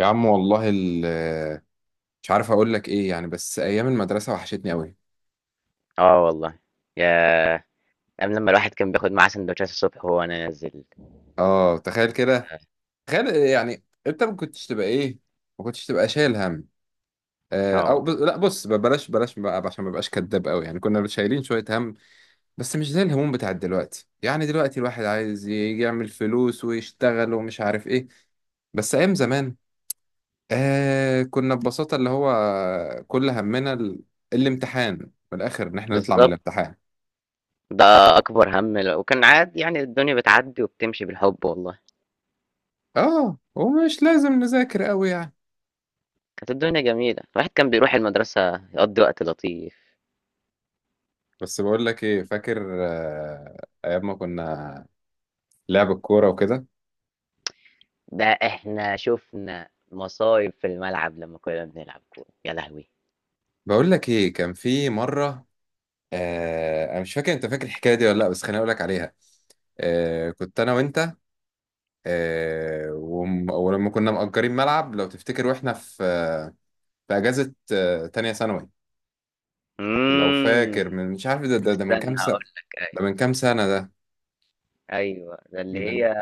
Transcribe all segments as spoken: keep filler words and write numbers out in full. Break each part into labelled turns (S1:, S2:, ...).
S1: يا عم والله ال- مش عارف اقول لك ايه، يعني بس ايام المدرسه وحشتني قوي.
S2: آه والله، ياه! أيام لمّا الواحد كان بياخد معاه سندوتشات الصبح وهو نازل،
S1: اه، تخيل كده. تخيل، يعني انت ما كنتش تبقى ايه، ما كنتش تبقى شايل هم. آه،
S2: آه
S1: او ب...
S2: والله،
S1: لا بص، ب- بلاش بلاش بقى عشان ما بقاش كداب قوي، يعني كنا شايلين شويه هم. بس مش زي الهموم بتاعت دلوقتي، يعني دلوقتي الواحد عايز ي- يعمل فلوس ويشتغل ومش عارف ايه. بس ايام زمان، آه كنا ببساطه اللي هو كل همنا ال... الامتحان. من الاخر، ان احنا نطلع من
S2: بالضبط،
S1: الامتحان.
S2: ده أكبر هَم ل وكان عادي يعني الدنيا بتعدّي وبتمشي بالحب والله،
S1: اه ومش لازم نذاكر قوي يعني.
S2: كانت الدنيا جميلة، الواحد كان بيروح المدرسة يقضّي وقت لطيف،
S1: بس بقول لك ايه، فاكر؟ آه، ايام ما كنا لعب الكوره وكده.
S2: ده إحنا شُفنا مصايب في الملعب لمّا كنا بنلعب كورة، يا لهوي!
S1: بقول لك ايه، كان في مره، آه انا مش فاكر انت فاكر الحكايه دي ولا لا، بس خليني اقول لك عليها. آه كنت انا وانت، آه وم- ولما كنا مأجرين ملعب لو تفتكر، واحنا في آه في اجازه، آه تانية ثانوي. لو
S2: إمم،
S1: فاكر من مش عارف ده ده, ده من
S2: استنى
S1: كام سنه؟
S2: هاقول لك أيوه،
S1: ده من كام سنه ده؟
S2: أيوه، ده اللي
S1: من
S2: هي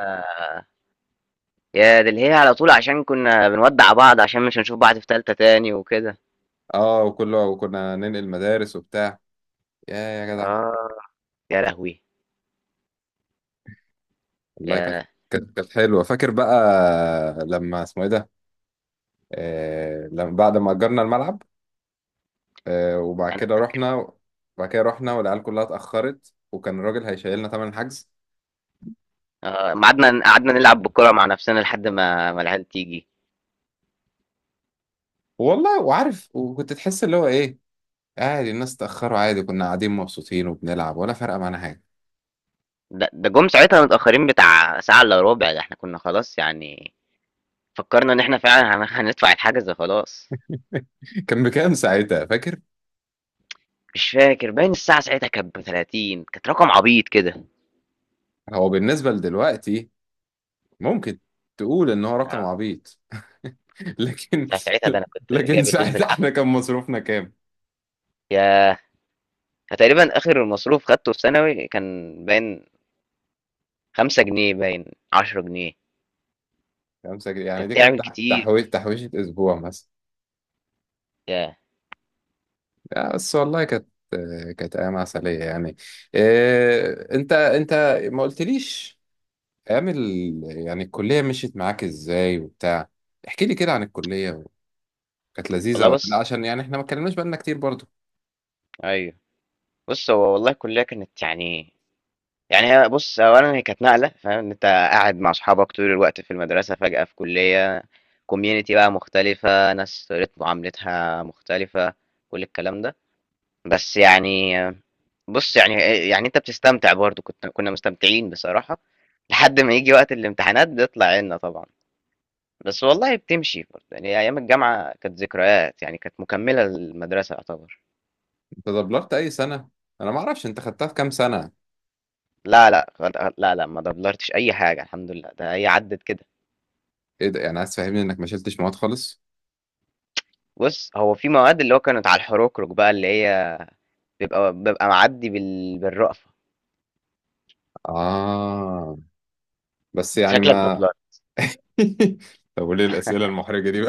S2: ياه! ده اللي هي على طول عشان كنا بنودّع بعض عشان مش هنشوف بعض في تالتة تاني وكده،
S1: اه وكله، وكنا ننقل مدارس وبتاع. يا يا جدع.
S2: آه، يا لهوي!
S1: والله كانت،
S2: ياه!
S1: كانت كانت حلوه. فاكر بقى لما اسمه ايه ده، آه لما بعد ما اجرنا الملعب، آه وبعد
S2: أنا
S1: كده رحنا. وبعد كده رحنا، والعيال كلها اتاخرت، وكان الراجل هيشيلنا تمن الحجز.
S2: آه، أمّا قعدنا قعدنا نلعب بالكورة مع نَفْسنا لحد ما ما العيال تيجي،
S1: والله، وعارف وكنت تحس اللي هو ايه، عادي. الناس اتاخروا عادي، كنا قاعدين مبسوطين وبنلعب، ولا فارقه معانا حاجه.
S2: ده ده جُم ساعتها متأخرين بتاع ساعة إلا رُبع، ده إحنا كُنّا خلاص يعني فكّرنا إن إحنا فعلًا هن هندفع الحجز خلاص،
S1: كان بكام ساعتها، فاكر؟
S2: مش فاكر باين الساعة ساعتها كانت ب30، كانت رقم عبيط كده،
S1: هو بالنسبه لدلوقتي ممكن تقول ان هو رقم
S2: آه،
S1: عبيط. لكن
S2: ده ساعتها ده أنا كنت
S1: لكن
S2: جايب الفلوس
S1: ساعتها احنا
S2: بالعافية،
S1: كان مصروفنا كام؟
S2: ياه! أنا تقريبًا آخر مصروف خدته في ثانوي كان باين خمسة جنيه باين، عشر جنيه،
S1: خمسة جنيه، يعني
S2: كانت
S1: دي كانت
S2: تعمل
S1: تح-
S2: كتير
S1: تحويش
S2: دي،
S1: تحويشة أسبوع مثلا.
S2: ياه!
S1: لا، بس والله كانت، كانت أيام عسلية يعني. إيه، أنت أنت ما قلتليش؟ أيام ال... يعني الكلية مشيت معاك إزاي وبتاع، احكي لي كده عن الكلية. كانت لذيذة
S2: والله
S1: ولا لا؟
S2: بُص،
S1: عشان يعني إحنا ما اتكلمناش بقالنا كتير برضو.
S2: أيوه، بُص هو والله الكلية كانت يعني يعني هي بُص، أولًا هي كانت نقلة فاهم، إن أنت قاعد مع أصحابك طول الوقت في المدرسة، فجأة في كُلّية community بقى مختلفة، ناس طريقة معاملتها مختلفة، كل الكلام ده. بس يعني بُص، يعني آآ يعني أنت بتستمتع برضه، كنت كُنّا مستمتعين بصراحة، لحد ما ييجي وقت الامتحانات بيطلع عيننا طبعًا. بس والله بتمشي برضه، يعني أيام الجامعة كانت ذكريات، يعني كانت مكمّلة للمدرسة يعتبر.
S1: أنت دبلرت أي سنة؟ أنا ما أعرفش أنت خدتها في كام سنة.
S2: لا، لأ، لا، لأ، ما دبلرتش أي حاجة الحمد لله، ده هي عدِّت كده.
S1: إيه ده؟ يعني عايز تفهمني إنك ما شلتش مواد خالص؟
S2: بُص، هو في مواد اللي هو كانت على الحُرُكرُك بقى اللي هي بيبقى بابقى معدّي بال بالرأفة.
S1: آه بس يعني
S2: شكلك
S1: ما...
S2: دبّلرة.
S1: طب وليه الأسئلة المحرجة دي؟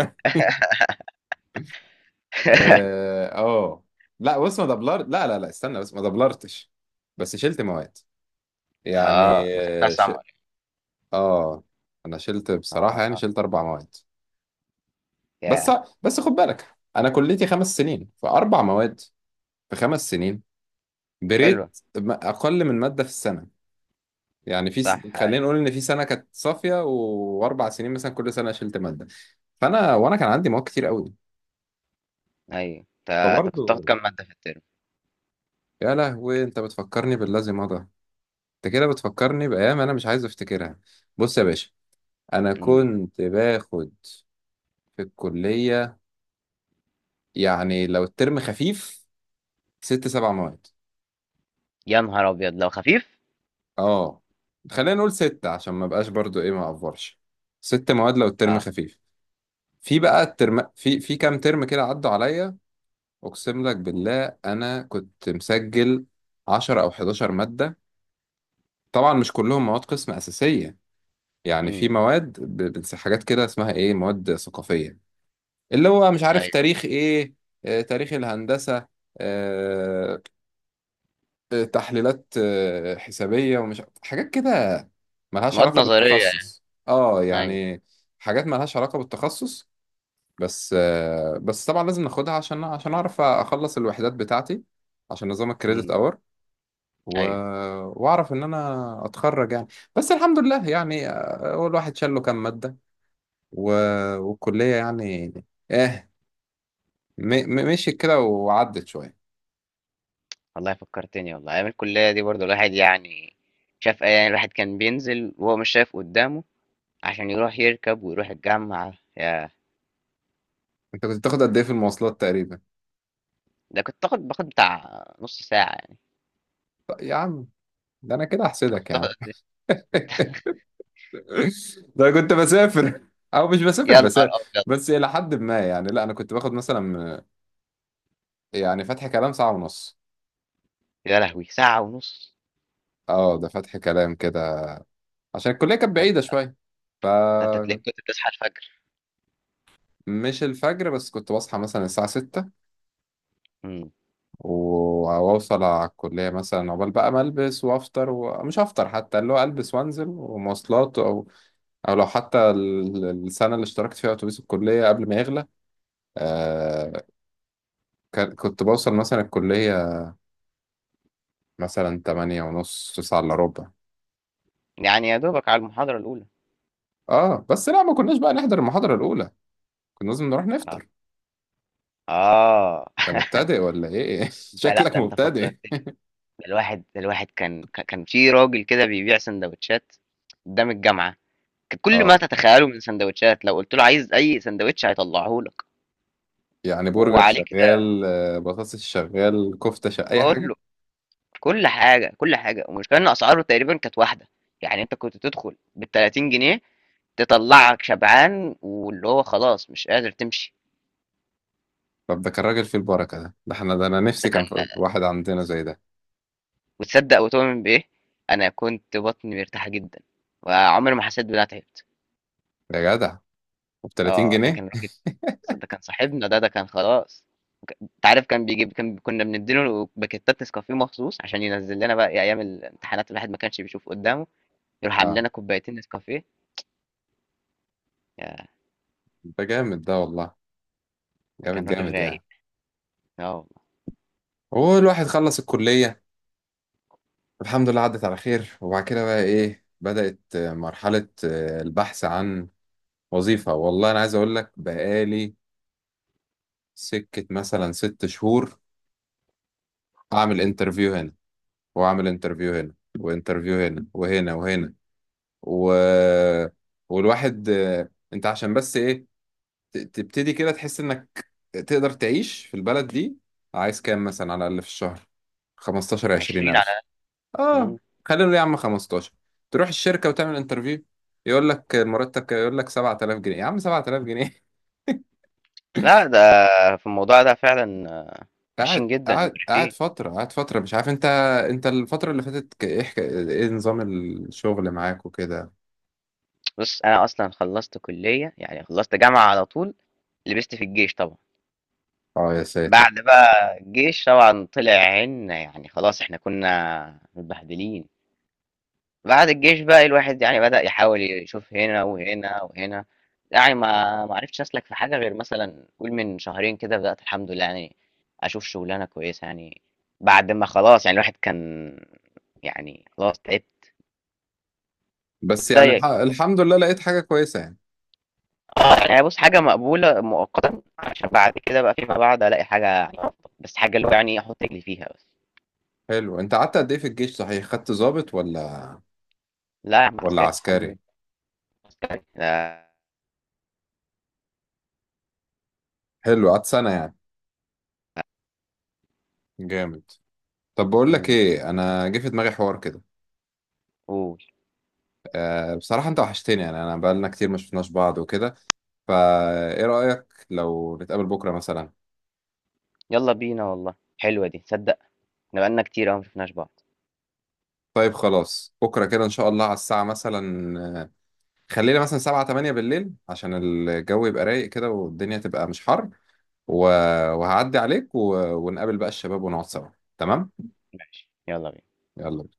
S1: اه، آه. لا بص، ما دبلرت، لا لا لا، استنى بس، ما دبلرتش، بس شلت مواد يعني.
S2: آه، أنا خدتها
S1: اه ش...
S2: summer،
S1: آه. انا شلت بصراحة، يعني
S2: آه،
S1: شلت اربع مواد. بس
S2: ياه!
S1: بس خد بالك انا كليتي خمس سنين، فاربع مواد في خمس سنين، بريت
S2: حلوة،
S1: م- اقل من مادة في السنة. يعني في س...
S2: صح،
S1: خلينا نقول ان في سنة كانت صافية، و... واربع سنين مثلا كل سنة شلت مادة. فانا وانا كان عندي مواد كتير قوي،
S2: أيوه. أنت أنت كنت بتاخد
S1: فبرضه.
S2: كام مادة في الترم؟
S1: يا لهوي، انت بتفكرني بالذي مضى. انت كده بتفكرني بأيام أنا مش عايز أفتكرها. بص يا باشا، أنا
S2: إمم.
S1: كنت باخد في الكلية، يعني لو الترم خفيف، ست سبع مواد.
S2: يا نهار أبيض! لو خفيف؟
S1: اه، خلينا نقول ستة، عشان ما بقاش برضو إيه، ما أفورش. ست مواد لو الترم
S2: آه،
S1: خفيف. في بقى الترم، في في كام ترم كده عدوا عليا، أقسم لك بالله أنا كنت مسجل عشرة أو حداشر مادة. طبعا مش كلهم مواد قسم أساسية، يعني في
S2: إمم،
S1: مواد ب- بنس- حاجات كده اسمها إيه، مواد ثقافية، اللي هو مش عارف
S2: أيوه.
S1: تاريخ ايه، آه تاريخ الهندسة، آه، آه، تحليلات آه، حسابية ومش حاجات كده، ملهاش
S2: مواد
S1: علاقة
S2: نظرية يعني،
S1: بالتخصص. اه
S2: أيوه،
S1: يعني حاجات ملهاش علاقة بالتخصص، بس آه، بس طبعا لازم ناخدها عشان عشان اعرف اخلص الوحدات بتاعتي، عشان نظام الكريدت
S2: إمم،
S1: اور و...
S2: أيوه.
S1: واعرف ان انا اتخرج يعني. بس الحمد لله يعني، آه، هو الواحد شال له كام مادة و... والكلية يعني، اه، م... م- مشيت كده وعدت شوية.
S2: والله فكّرتني والله، أيام الكلية دي برضه الواحد يعني شاف أي الواحد كان بينزل وهو مش شايف قُدّامه عشان يروح يركب ويروح الجامعة، ياه!
S1: انت كنت بتاخد قد ايه في المواصلات تقريبا؟
S2: ده كنت باخد باخد بتاع نص ساعة يعني.
S1: طيب يا عم، ده انا كده
S2: انت كنت
S1: احسدك يا
S2: بتاخد
S1: عم.
S2: قد ايه؟
S1: ده أنا كنت بسافر، او مش بسافر
S2: يا نهار
S1: بسافر،
S2: أبيض!
S1: بس الى حد ما يعني. لا، انا كنت باخد مثلا، يعني فتح كلام، ساعة ونص.
S2: يا لهوي! ساعة ونص؟
S1: اه ده فتح كلام كده، عشان الكلية كانت
S2: ده
S1: بعيدة
S2: انت
S1: شوية.
S2: أنت
S1: فمش...
S2: تلاقيك كنت بتصحى الفجر.
S1: الفجر، بس كنت بصحى مثلا الساعة ستة،
S2: امم
S1: و- وأوصل على الكلية مثلا عقبال بقى ما ألبس وأفطر، ومش هفطر حتى، اللي هو ألبس وأنزل ومواصلات، أو أو لو حتى ال- السنة اللي اشتركت فيها أتوبيس الكلية قبل ما يغلى، آه كان- كنت بوصل مثلا الكلية مثلا تمانية ونص، تسعة إلا ربع.
S2: يعني يا دوبك على المحاضرة الأولى.
S1: اه بس لا، ما كناش بقى نحضر المحاضرة الأولى، كنا لازم نروح
S2: اه،
S1: نفطر.
S2: اه.
S1: أنت مبتدئ ولا إيه؟
S2: انت، لا
S1: شكلك
S2: ده انت
S1: مبتدئ.
S2: فكرتني، ده الواحد ده الواحد كان كان كان في راجل كده بيبيع سندوتشات قدام الجامعة، كان كل ما
S1: اه
S2: تتخيله من سندوتشات، لو قلت له عايز أي سندوتش هيطلعه لك
S1: يعني برجر
S2: وعليه كده
S1: شغال، آه بطاطس شغال، كفتة شغال، أي حاجة.
S2: كله، كل حاجة كل حاجة، والمشكلة إن أسعاره تقريبا كانت واحدة، يعني انت كنت تدخل بال تلاتين جنيه تطلعك شبعان واللي هو خلاص مش قادر تمشي.
S1: طب ده كان راجل فيه البركة ده، ده احنا ده، أنا نفسي
S2: ده كان،
S1: كان في واحد عندنا زي ده.
S2: وتصدق وتؤمن بايه، انا كنت بطني مرتاحه جدا وعمري ما حسيت بان انا تعبت.
S1: يا جدع، وب 30
S2: اه، ده
S1: جنيه
S2: كان راجل، ده كان صاحبنا، ده ده كان خلاص. انت عارف، كان بيجيب، كان كنا بنديله باكيتات نسكافيه مخصوص عشان ينزل لنا بقى إيه، ايام الامتحانات الواحد ما كانش بيشوف قدامه، يروح عامل
S1: اه
S2: لنا كوبايتين نسكافيه. يا!
S1: ده جامد ده والله،
S2: ده
S1: جامد
S2: كان راجل
S1: جامد يعني.
S2: رايق. اه والله،
S1: هو الواحد خلص الكلية الحمد لله، عدت على خير. وبعد كده بقى ايه، بدأت مرحلة آه، البحث عن وظيفة. والله انا عايز اقول لك، بقالي سكة مثلا ست شهور، اعمل انترفيو هنا، واعمل انترفيو هنا، وانترفيو هنا وهنا وهنا، و... والواحد آه، انت عشان بس ايه، ت- تبتدي كده تحس انك تقدر تعيش في البلد دي. عايز كام مثلا على الاقل في الشهر؟ خمسة عشر عشرين
S2: عشرين
S1: الف.
S2: على.
S1: اه
S2: مم.
S1: خلينا نقول يا عم خمسة عشر. تروح الشركه وتعمل انترفيو، يقول لك المرتب كام؟ يقول لك سبع تلاف جنيه، يا عم سبعة آلاف جنيه!
S2: لا، ده في الموضوع ده فعلا آه، وحشين
S1: قاعد
S2: جدا
S1: قاعد قاعد
S2: مقرفين.
S1: فتره، قاعد فتره مش عارف انت... انت الفتره اللي فاتت، ك- ايه حك- ايه نظام الشغل معاك وكده؟
S2: بُص، أنا أصلًا خلّصت كُلّية، يعني خلّصت جامعة على طول، لبست في الجيش طبعًا.
S1: اه يا ساتر.
S2: بعد بقى الجيش طبعًا طلع عينّا، يعني خلاص إحنا كُنّا متبهدلين. بعد الجيش بقى الواحد يعني بدأ يحاول يشوف هنا وهنا وهنا، يعني ما ما عرفتش أسلك في حاجة غير مثلًا قُل من شهرين كده بدأت الحمد لله يعني أشوف شُغلانة كويسة يعني، بعد ما خلاص يعني الواحد كان يعني خلاص تعبت.
S1: بس يعني الح...
S2: زيّك.
S1: الحمد لله لقيت حاجه كويسه يعني.
S2: آه، يعني بُص حاجة مقبولة مؤقتًا، عشان بعد كده بقى فيما بعد ألاقي حاجة يعني أفضل، بس حاجة اللي هو يعني أحُط رجلي فيها بس.
S1: حلو، انت قعدت قد ايه في الجيش صحيح، خدت ضابط ولا
S2: لا يا عم،
S1: ولا
S2: عسكري الحمد
S1: عسكري؟
S2: لله.
S1: حلو قعدت سنه يعني، جامد. طب بقول لك
S2: إمم،
S1: ايه، انا جه في دماغي حوار كده.
S2: قُل.
S1: أه بصراحه انت وحشتني يعني، انا بقالنا كتير ما شفناش بعض وكده، فايه رأيك لو نتقابل بكرة مثلا؟
S2: يالّا بينا والله، حلوة دي، تصدّق إحنا بقى لنا كتير أوي ما شفناش بعض.
S1: طيب خلاص، بكرة كده إن شاء الله على الساعة مثلا، آه، خلينا مثلا سبعة تمانية بالليل، عشان الجو يبقى رايق كده والدنيا تبقى مش حر، و... وهعدي عليك، و... ونقابل بقى الشباب ونقعد سوا. تمام.
S2: ماشي، يالّا بينا.
S1: يلا.